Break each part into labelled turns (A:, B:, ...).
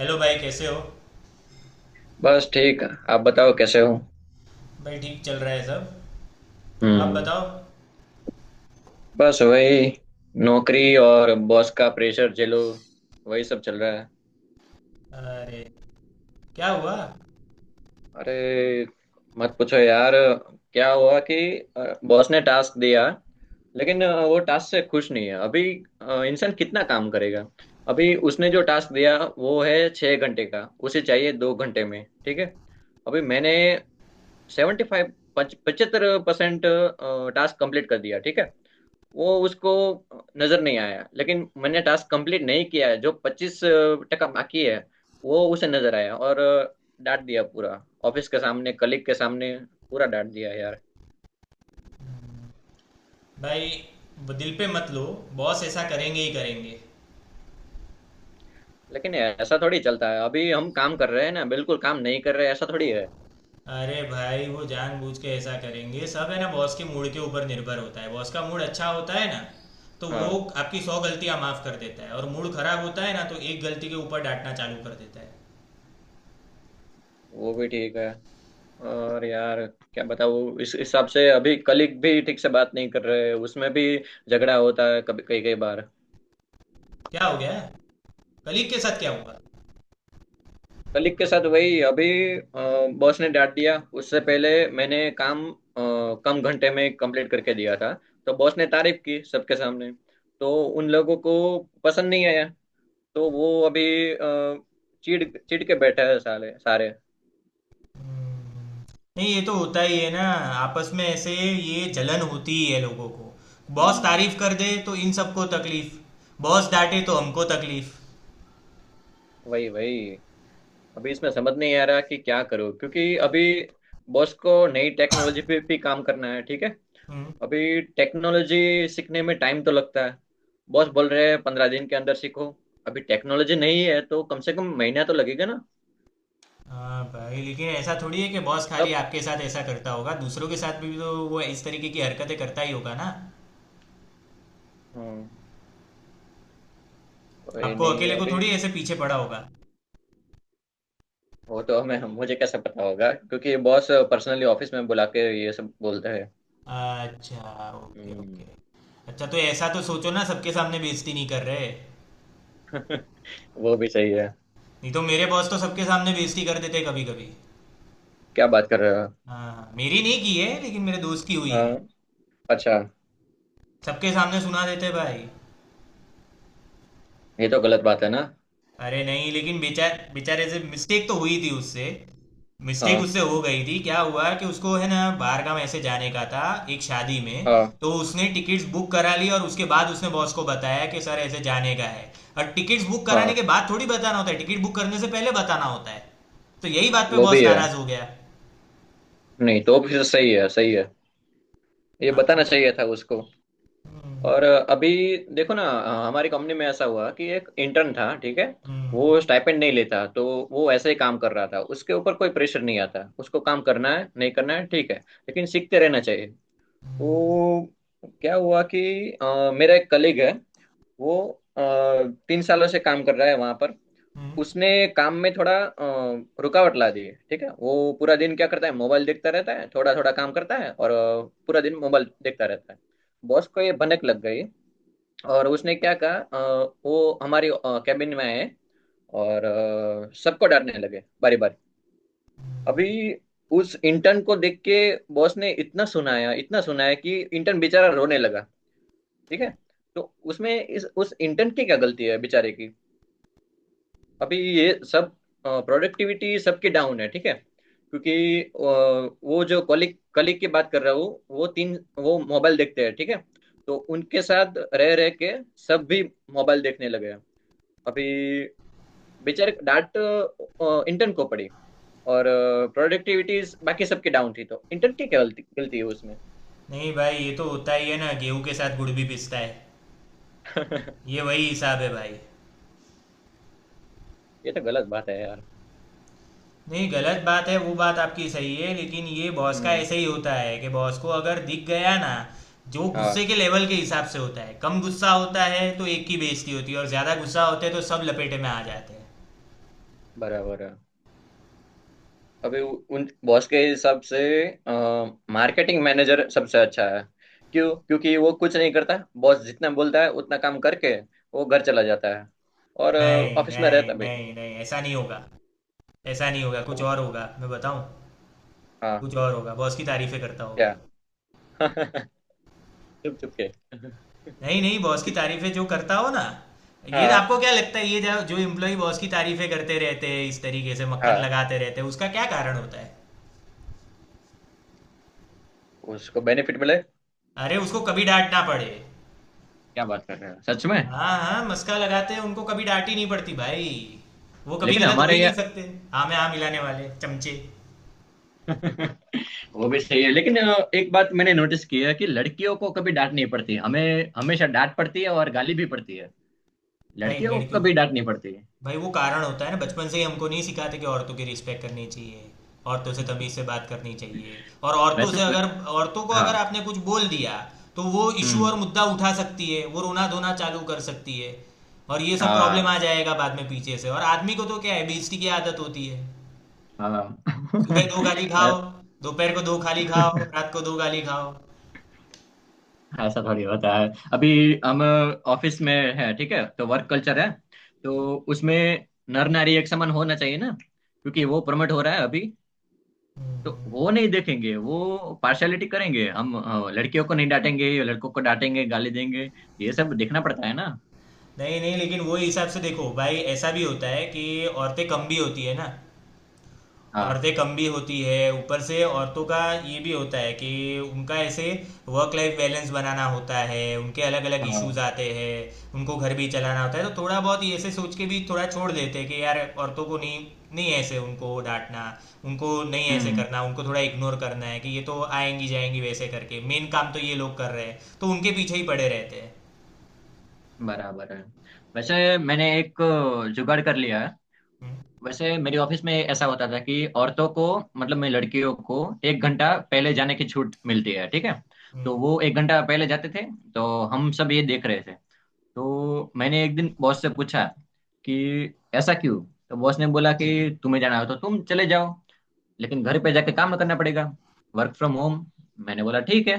A: Hello भाई, कैसे हो?
B: बस ठीक। आप बताओ कैसे हो।
A: भाई ठीक चल रहा है सब। आप
B: हम्म।
A: बताओ।
B: बस वही, नौकरी और बॉस का प्रेशर झेलो। वही सब चल रहा है।
A: अरे, क्या हुआ?
B: अरे, मत पूछो यार। क्या हुआ कि बॉस ने टास्क दिया, लेकिन वो टास्क से खुश नहीं है अभी। इंसान कितना काम करेगा। अभी उसने जो टास्क दिया वो है 6 घंटे का। उसे चाहिए 2 घंटे में, ठीक है। अभी मैंने सेवेंटी फाइव 75% टास्क कंप्लीट कर दिया, ठीक है। वो उसको नजर नहीं आया, लेकिन मैंने टास्क कंप्लीट नहीं किया है जो 25 टका बाकी है, वो उसे नजर आया और डांट दिया पूरा, ऑफिस के सामने, कलीग के सामने, पूरा डांट दिया यार।
A: भाई वो दिल पे मत लो। बॉस ऐसा करेंगे ही करेंगे।
B: लेकिन ऐसा थोड़ी चलता है, अभी हम काम कर रहे हैं ना, बिल्कुल काम नहीं कर रहे ऐसा थोड़ी है।
A: अरे भाई, वो जानबूझ के ऐसा करेंगे सब। है ना, बॉस के मूड के ऊपर निर्भर होता है। बॉस का मूड अच्छा होता है ना तो वो
B: हाँ,
A: आपकी सौ गलतियां माफ कर देता है, और मूड खराब होता है ना तो एक गलती के ऊपर डांटना चालू कर देता है।
B: वो भी ठीक है। और यार क्या बताऊँ, इस हिसाब से अभी कलीग भी ठीक से बात नहीं कर रहे, उसमें भी झगड़ा होता है कभी, कई कई बार।
A: क्या हो गया? कलीग के साथ क्या हुआ?
B: कलिक के साथ वही, अभी बॉस ने डांट दिया। उससे पहले मैंने काम कम घंटे में कंप्लीट करके दिया था, तो बॉस ने तारीफ की सबके सामने। तो उन लोगों को पसंद नहीं आया। तो वो अभी अ, चिढ़ चिढ़ के बैठे हैं साले सारे।
A: नहीं, ये तो होता ही है ना। आपस में ऐसे ये जलन होती ही है लोगों को। बॉस
B: हम्म।
A: तारीफ कर दे तो इन सबको तकलीफ, बॉस डांटे तो हमको तकलीफ।
B: वही वही। अभी इसमें समझ नहीं आ रहा कि क्या करूं, क्योंकि अभी बॉस को नई टेक्नोलॉजी पे भी काम करना है, ठीक है।
A: हम्म।
B: अभी टेक्नोलॉजी सीखने में टाइम तो लगता है। बॉस बोल रहे हैं 15 दिन के अंदर सीखो। अभी टेक्नोलॉजी नहीं है तो कम से कम महीना तो लगेगा ना।
A: हाँ भाई, लेकिन ऐसा थोड़ी है कि बॉस खाली
B: तब।
A: आपके साथ ऐसा करता होगा। दूसरों के साथ भी तो वो इस तरीके की हरकतें करता ही होगा ना।
B: हम्म। कोई
A: आपको
B: नहीं
A: अकेले को
B: अभी।
A: थोड़ी ऐसे पीछे पड़ा होगा।
B: वो तो हमें हम मुझे कैसे पता होगा, क्योंकि बॉस पर्सनली ऑफिस में बुला के ये सब बोलते हैं।
A: अच्छा, ओके ओके।
B: हम्म।
A: अच्छा तो ऐसा तो सोचो ना, सबके सामने बेइज्जती नहीं कर रहे।
B: वो भी सही है।
A: नहीं तो मेरे बॉस तो सबके सामने बेइज्जती कर देते कभी कभी।
B: क्या बात कर रहे हो।
A: हाँ, मेरी नहीं की है लेकिन मेरे दोस्त की हुई है।
B: हाँ। अच्छा।
A: सबके सामने सुना देते भाई।
B: ये तो गलत बात है ना।
A: अरे नहीं, लेकिन बेचारे से मिस्टेक तो हुई थी उससे। मिस्टेक
B: हाँ।
A: उससे हो गई थी। क्या हुआ कि उसको है ना, बाहरगाम ऐसे जाने का था, एक शादी में।
B: हाँ।
A: तो उसने टिकट्स बुक करा ली और उसके बाद उसने बॉस को बताया कि सर ऐसे जाने का है। और टिकट्स बुक कराने के
B: हाँ,
A: बाद थोड़ी बताना होता है, टिकट बुक करने से पहले बताना होता है। तो यही बात पे
B: वो
A: बॉस
B: भी है।
A: नाराज हो गया।
B: नहीं, तो भी तो सही है, सही है। ये
A: हाँ,
B: बताना
A: तो-
B: चाहिए था उसको।
A: हम्म,
B: और अभी देखो ना, हमारी कंपनी में ऐसा हुआ कि एक इंटर्न था, ठीक है।
A: हम्म,
B: वो स्टाइपेंड नहीं लेता, तो वो ऐसे ही काम कर रहा था। उसके ऊपर कोई प्रेशर नहीं आता, उसको काम करना है नहीं करना है, ठीक है, लेकिन सीखते रहना चाहिए। वो, क्या हुआ कि मेरा एक कलीग है। वो अ, 3 सालों से काम कर रहा है वहां पर।
A: हम्म।
B: उसने काम में थोड़ा रुकावट ला दी है, ठीक है। वो पूरा दिन क्या करता है, मोबाइल देखता रहता है, थोड़ा थोड़ा काम करता है और पूरा दिन मोबाइल देखता रहता है। बॉस को ये भनक लग गई। और उसने क्या कहा, वो हमारी कैबिन में आए और सबको डांटने लगे बारी बारी। अभी उस इंटर्न को देख के बॉस ने इतना सुनाया कि इंटर्न बेचारा रोने लगा, ठीक है। तो उसमें इस उस इंटर्न की क्या गलती है बेचारे की। अभी ये सब प्रोडक्टिविटी सबकी डाउन है, ठीक है, क्योंकि वो जो कलिक कलिक की बात कर रहा हूँ, वो तीन, वो मोबाइल देखते हैं, ठीक है। तो उनके साथ रह रह के सब भी मोबाइल देखने लगे हैं। अभी बेचारे डांट इंटर्न को पड़ी। और प्रोडक्टिविटीज बाकी सबकी डाउन थी, तो इंटर्न की क्या गलती गलती है उसमें।
A: नहीं भाई, ये तो होता ही है ना। गेहूं के साथ गुड़ भी पिसता है। ये वही हिसाब है भाई।
B: ये तो गलत बात है यार।
A: नहीं, गलत बात है, वो बात आपकी सही है। लेकिन ये बॉस का
B: हम्म।
A: ऐसे ही होता है कि बॉस को अगर दिख गया ना, जो गुस्से
B: हाँ,
A: के लेवल के हिसाब से होता है। कम गुस्सा होता है तो एक की बेइज्जती होती है, और ज्यादा गुस्सा होते है तो सब लपेटे में आ जाते हैं।
B: बराबर है। अभी उन बॉस के हिसाब से मार्केटिंग मैनेजर सबसे अच्छा है। क्यों, क्योंकि वो कुछ नहीं करता। बॉस जितना बोलता है उतना काम करके वो घर चला जाता है। और
A: नहीं
B: ऑफिस में
A: नहीं
B: रहता भी नहीं।
A: नहीं नहीं ऐसा नहीं होगा। ऐसा नहीं होगा, कुछ
B: तो
A: और होगा, मैं बताऊं।
B: हाँ।
A: कुछ और होगा, बॉस की तारीफें करता होगा।
B: क्या चुप, चुप के
A: नहीं नहीं, बॉस की तारीफें जो करता हो ना, ये
B: हाँ।
A: आपको क्या लगता है? ये जो जो एम्प्लॉय बॉस की तारीफें करते रहते हैं, इस तरीके से मक्खन
B: हाँ,
A: लगाते रहते हैं, उसका क्या कारण होता है?
B: उसको बेनिफिट मिले।
A: अरे, उसको कभी डांट ना पड़े।
B: क्या बात कर रहे हो सच में।
A: हाँ हाँ, मस्का लगाते हैं, उनको कभी डांट ही नहीं पड़ती भाई। वो कभी
B: लेकिन
A: गलत हो
B: हमारे
A: ही नहीं
B: यहाँ
A: सकते। हाँ में हाँ मिलाने
B: हाँ।
A: वाले चमचे।
B: अच्छा। वो भी सही है, लेकिन एक बात मैंने नोटिस की है कि लड़कियों को कभी डांट नहीं पड़ती, हमें हमेशा डांट पड़ती है और गाली भी पड़ती है।
A: भाई
B: लड़कियों को
A: लड़कियों का,
B: कभी डांट नहीं पड़ती है।
A: भाई वो कारण होता है ना, बचपन से ही हमको नहीं सिखाते कि औरतों की रिस्पेक्ट करनी चाहिए। औरतों से तमीज से बात करनी चाहिए। और औरतों
B: वैसे
A: से अगर, औरतों को अगर
B: हाँ।
A: आपने कुछ बोल दिया तो वो इशू और
B: हम्म।
A: मुद्दा उठा सकती है, वो रोना धोना चालू कर सकती है। और ये सब प्रॉब्लम
B: हाँ।
A: आ जाएगा बाद में पीछे से। और आदमी को तो क्या है, बेइज्जती की आदत होती है। सुबह
B: हाँ।
A: दो गाली खाओ, दोपहर को दो खाली खाओ, रात को दो गाली खाओ।
B: ऐसा थोड़ी होता है अभी। हम ऑफिस में है, ठीक है, तो वर्क कल्चर है। तो उसमें नर नारी एक समान होना चाहिए ना, क्योंकि वो प्रमोट हो रहा है अभी। तो वो
A: हम्म।
B: नहीं देखेंगे, वो पार्शलिटी करेंगे, हम लड़कियों को नहीं डांटेंगे, लड़कों को डांटेंगे गाली देंगे। ये सब देखना पड़ता है ना।
A: नहीं नहीं, लेकिन वो हिसाब से देखो भाई, ऐसा भी होता है कि औरतें कम भी होती है ना।
B: हाँ।
A: औरतें कम भी होती है, ऊपर से औरतों का ये भी होता है कि उनका ऐसे वर्क लाइफ बैलेंस बनाना होता है। उनके अलग अलग
B: हाँ।
A: इश्यूज
B: हाँ।
A: आते हैं। उनको घर भी चलाना होता है। तो थोड़ा बहुत ये ऐसे सोच के भी थोड़ा छोड़ देते हैं कि यार औरतों को नहीं, नहीं ऐसे उनको डांटना, उनको नहीं ऐसे
B: हम्म।
A: करना, उनको थोड़ा इग्नोर करना है कि ये तो आएंगी जाएंगी वैसे करके। मेन काम तो ये लोग कर रहे हैं तो उनके पीछे ही पड़े रहते हैं।
B: बराबर है। वैसे मैंने एक जुगाड़ कर लिया है।
A: हम्म,
B: वैसे मेरी ऑफिस में ऐसा होता था कि औरतों को, मतलब मैं लड़कियों को, 1 घंटा पहले जाने की छूट मिलती है, ठीक है। तो वो
A: हम्म,
B: 1 घंटा पहले जाते थे। तो हम सब ये देख रहे थे। तो मैंने एक दिन बॉस से पूछा कि ऐसा क्यों। तो बॉस ने बोला कि तुम्हें जाना हो तो तुम चले जाओ, लेकिन घर पे जाके काम करना पड़ेगा, वर्क फ्रॉम होम। मैंने बोला ठीक है।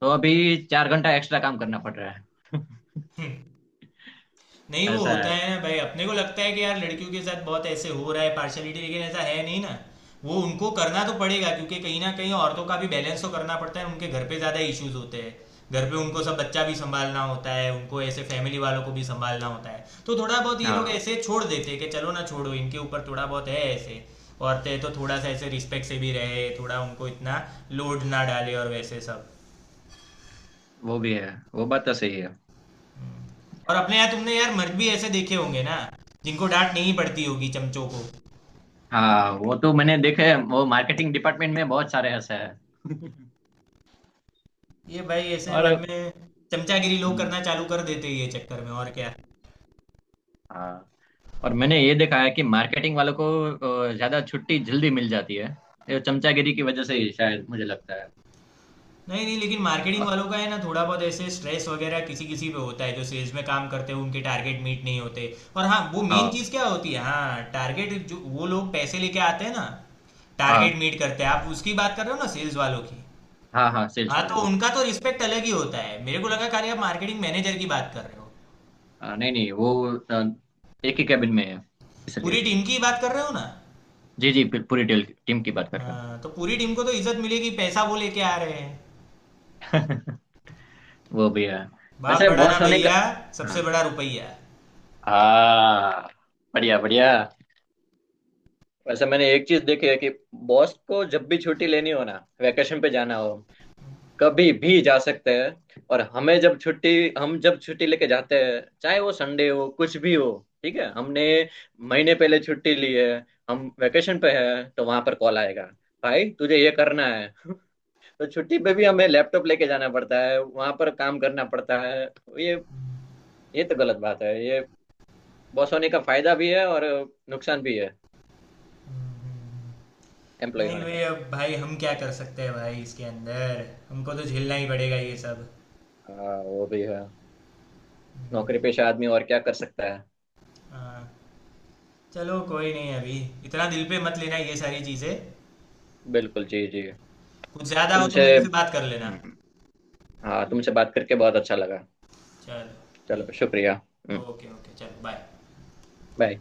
B: तो अभी 4 घंटा एक्स्ट्रा काम करना पड़ रहा है।
A: हम्म। नहीं, वो
B: ऐसा
A: होता
B: है।
A: है ना भाई, अपने को लगता है कि यार लड़कियों के साथ बहुत ऐसे हो रहा है पार्शलिटी, लेकिन ऐसा है नहीं ना। वो उनको करना तो पड़ेगा, क्योंकि कहीं ना कहीं औरतों का भी बैलेंस तो करना पड़ता है। उनके घर पे ज़्यादा इश्यूज होते हैं। घर पे उनको सब बच्चा भी संभालना होता है, उनको ऐसे फैमिली वालों को भी संभालना होता है। तो थोड़ा बहुत ये लोग
B: हाँ
A: ऐसे छोड़ देते हैं कि चलो ना, छोड़ो, इनके ऊपर थोड़ा बहुत है ऐसे। औरतें तो थोड़ा सा ऐसे रिस्पेक्ट से भी रहे, थोड़ा उनको इतना लोड ना डाले, और वैसे सब।
B: वो भी है, वो बात तो सही है।
A: और अपने यहाँ तुमने यार मर्द भी ऐसे देखे होंगे ना, जिनको डांट नहीं पड़ती होगी, चमचों को।
B: हाँ, वो तो मैंने देखे हैं, वो मार्केटिंग डिपार्टमेंट में बहुत सारे ऐसे हैं।
A: ये भाई ऐसे बाद
B: और
A: में चमचागिरी लोग
B: हम्म,
A: करना चालू कर देते हैं ये चक्कर में, और क्या।
B: हाँ। और मैंने ये देखा है कि मार्केटिंग वालों को ज्यादा छुट्टी जल्दी मिल जाती है। ये चमचागिरी की वजह से ही शायद, मुझे लगता है।
A: नहीं नहीं, लेकिन मार्केटिंग
B: अ,
A: वालों का है ना, थोड़ा बहुत ऐसे स्ट्रेस वगैरह किसी किसी पे होता है, जो सेल्स में काम करते हैं उनके टारगेट मीट नहीं होते। और हाँ, वो मेन
B: हाँ।
A: चीज़ क्या होती है, हाँ, टारगेट, जो वो लोग पैसे लेके आते हैं ना, टारगेट
B: हाँ।
A: मीट करते हैं। आप उसकी बात कर रहे हो ना, सेल्स वालों की।
B: हाँ। हाँ, सेल्स
A: हाँ,
B: वाले।
A: तो उनका तो रिस्पेक्ट अलग ही होता है। मेरे को लगा खाली आप मार्केटिंग मैनेजर की बात कर रहे हो।
B: नहीं नहीं, वो अ, एक ही कैबिन में है, इसलिए।
A: पूरी टीम की बात कर रहे हो ना।
B: जी जी, पूरी टीम टीम की बात कर रहा
A: हाँ, तो पूरी टीम को तो इज्जत मिलेगी, पैसा वो लेके आ रहे हैं।
B: हूँ। वो भी है।
A: बाप
B: वैसे
A: बड़ा ना
B: बॉस होने का।
A: भैया,
B: हाँ।
A: सबसे बड़ा रुपया।
B: हाँ। बढ़िया बढ़िया। वैसे मैंने एक चीज देखी है कि बॉस को जब भी छुट्टी लेनी हो ना, वेकेशन पे जाना हो, कभी भी जा सकते हैं। और हमें जब छुट्टी, हम जब छुट्टी लेके जाते हैं, चाहे वो संडे हो कुछ भी हो, ठीक है। हमने महीने पहले छुट्टी ली है, हम वेकेशन पे हैं, तो वहां पर कॉल आएगा, भाई तुझे ये करना है। तो छुट्टी पे भी हमें लैपटॉप लेके जाना पड़ता है, वहां पर काम करना पड़ता है। ये ये तो गलत बात है ये। बॉस होने का फायदा भी है और नुकसान भी है, एम्प्लॉय
A: नहीं
B: होने
A: भाई,
B: का।
A: अब भाई हम क्या कर सकते हैं भाई, इसके अंदर हमको तो झेलना ही पड़ेगा ये सब।
B: हाँ वो भी है। नौकरी पेशा आदमी और क्या कर सकता है।
A: हाँ, चलो कोई नहीं अभी। इतना दिल पे मत लेना ये सारी चीजें।
B: बिल्कुल जी जी।
A: कुछ ज्यादा हो तो
B: तुमसे।
A: मेरे से बात कर लेना।
B: हम्म, हाँ,
A: ठीक है,
B: तुमसे बात करके बहुत अच्छा लगा।
A: चलो
B: चलो
A: ठीक
B: शुक्रिया।
A: है। ओके ओके, चलो बाय।
B: बाय।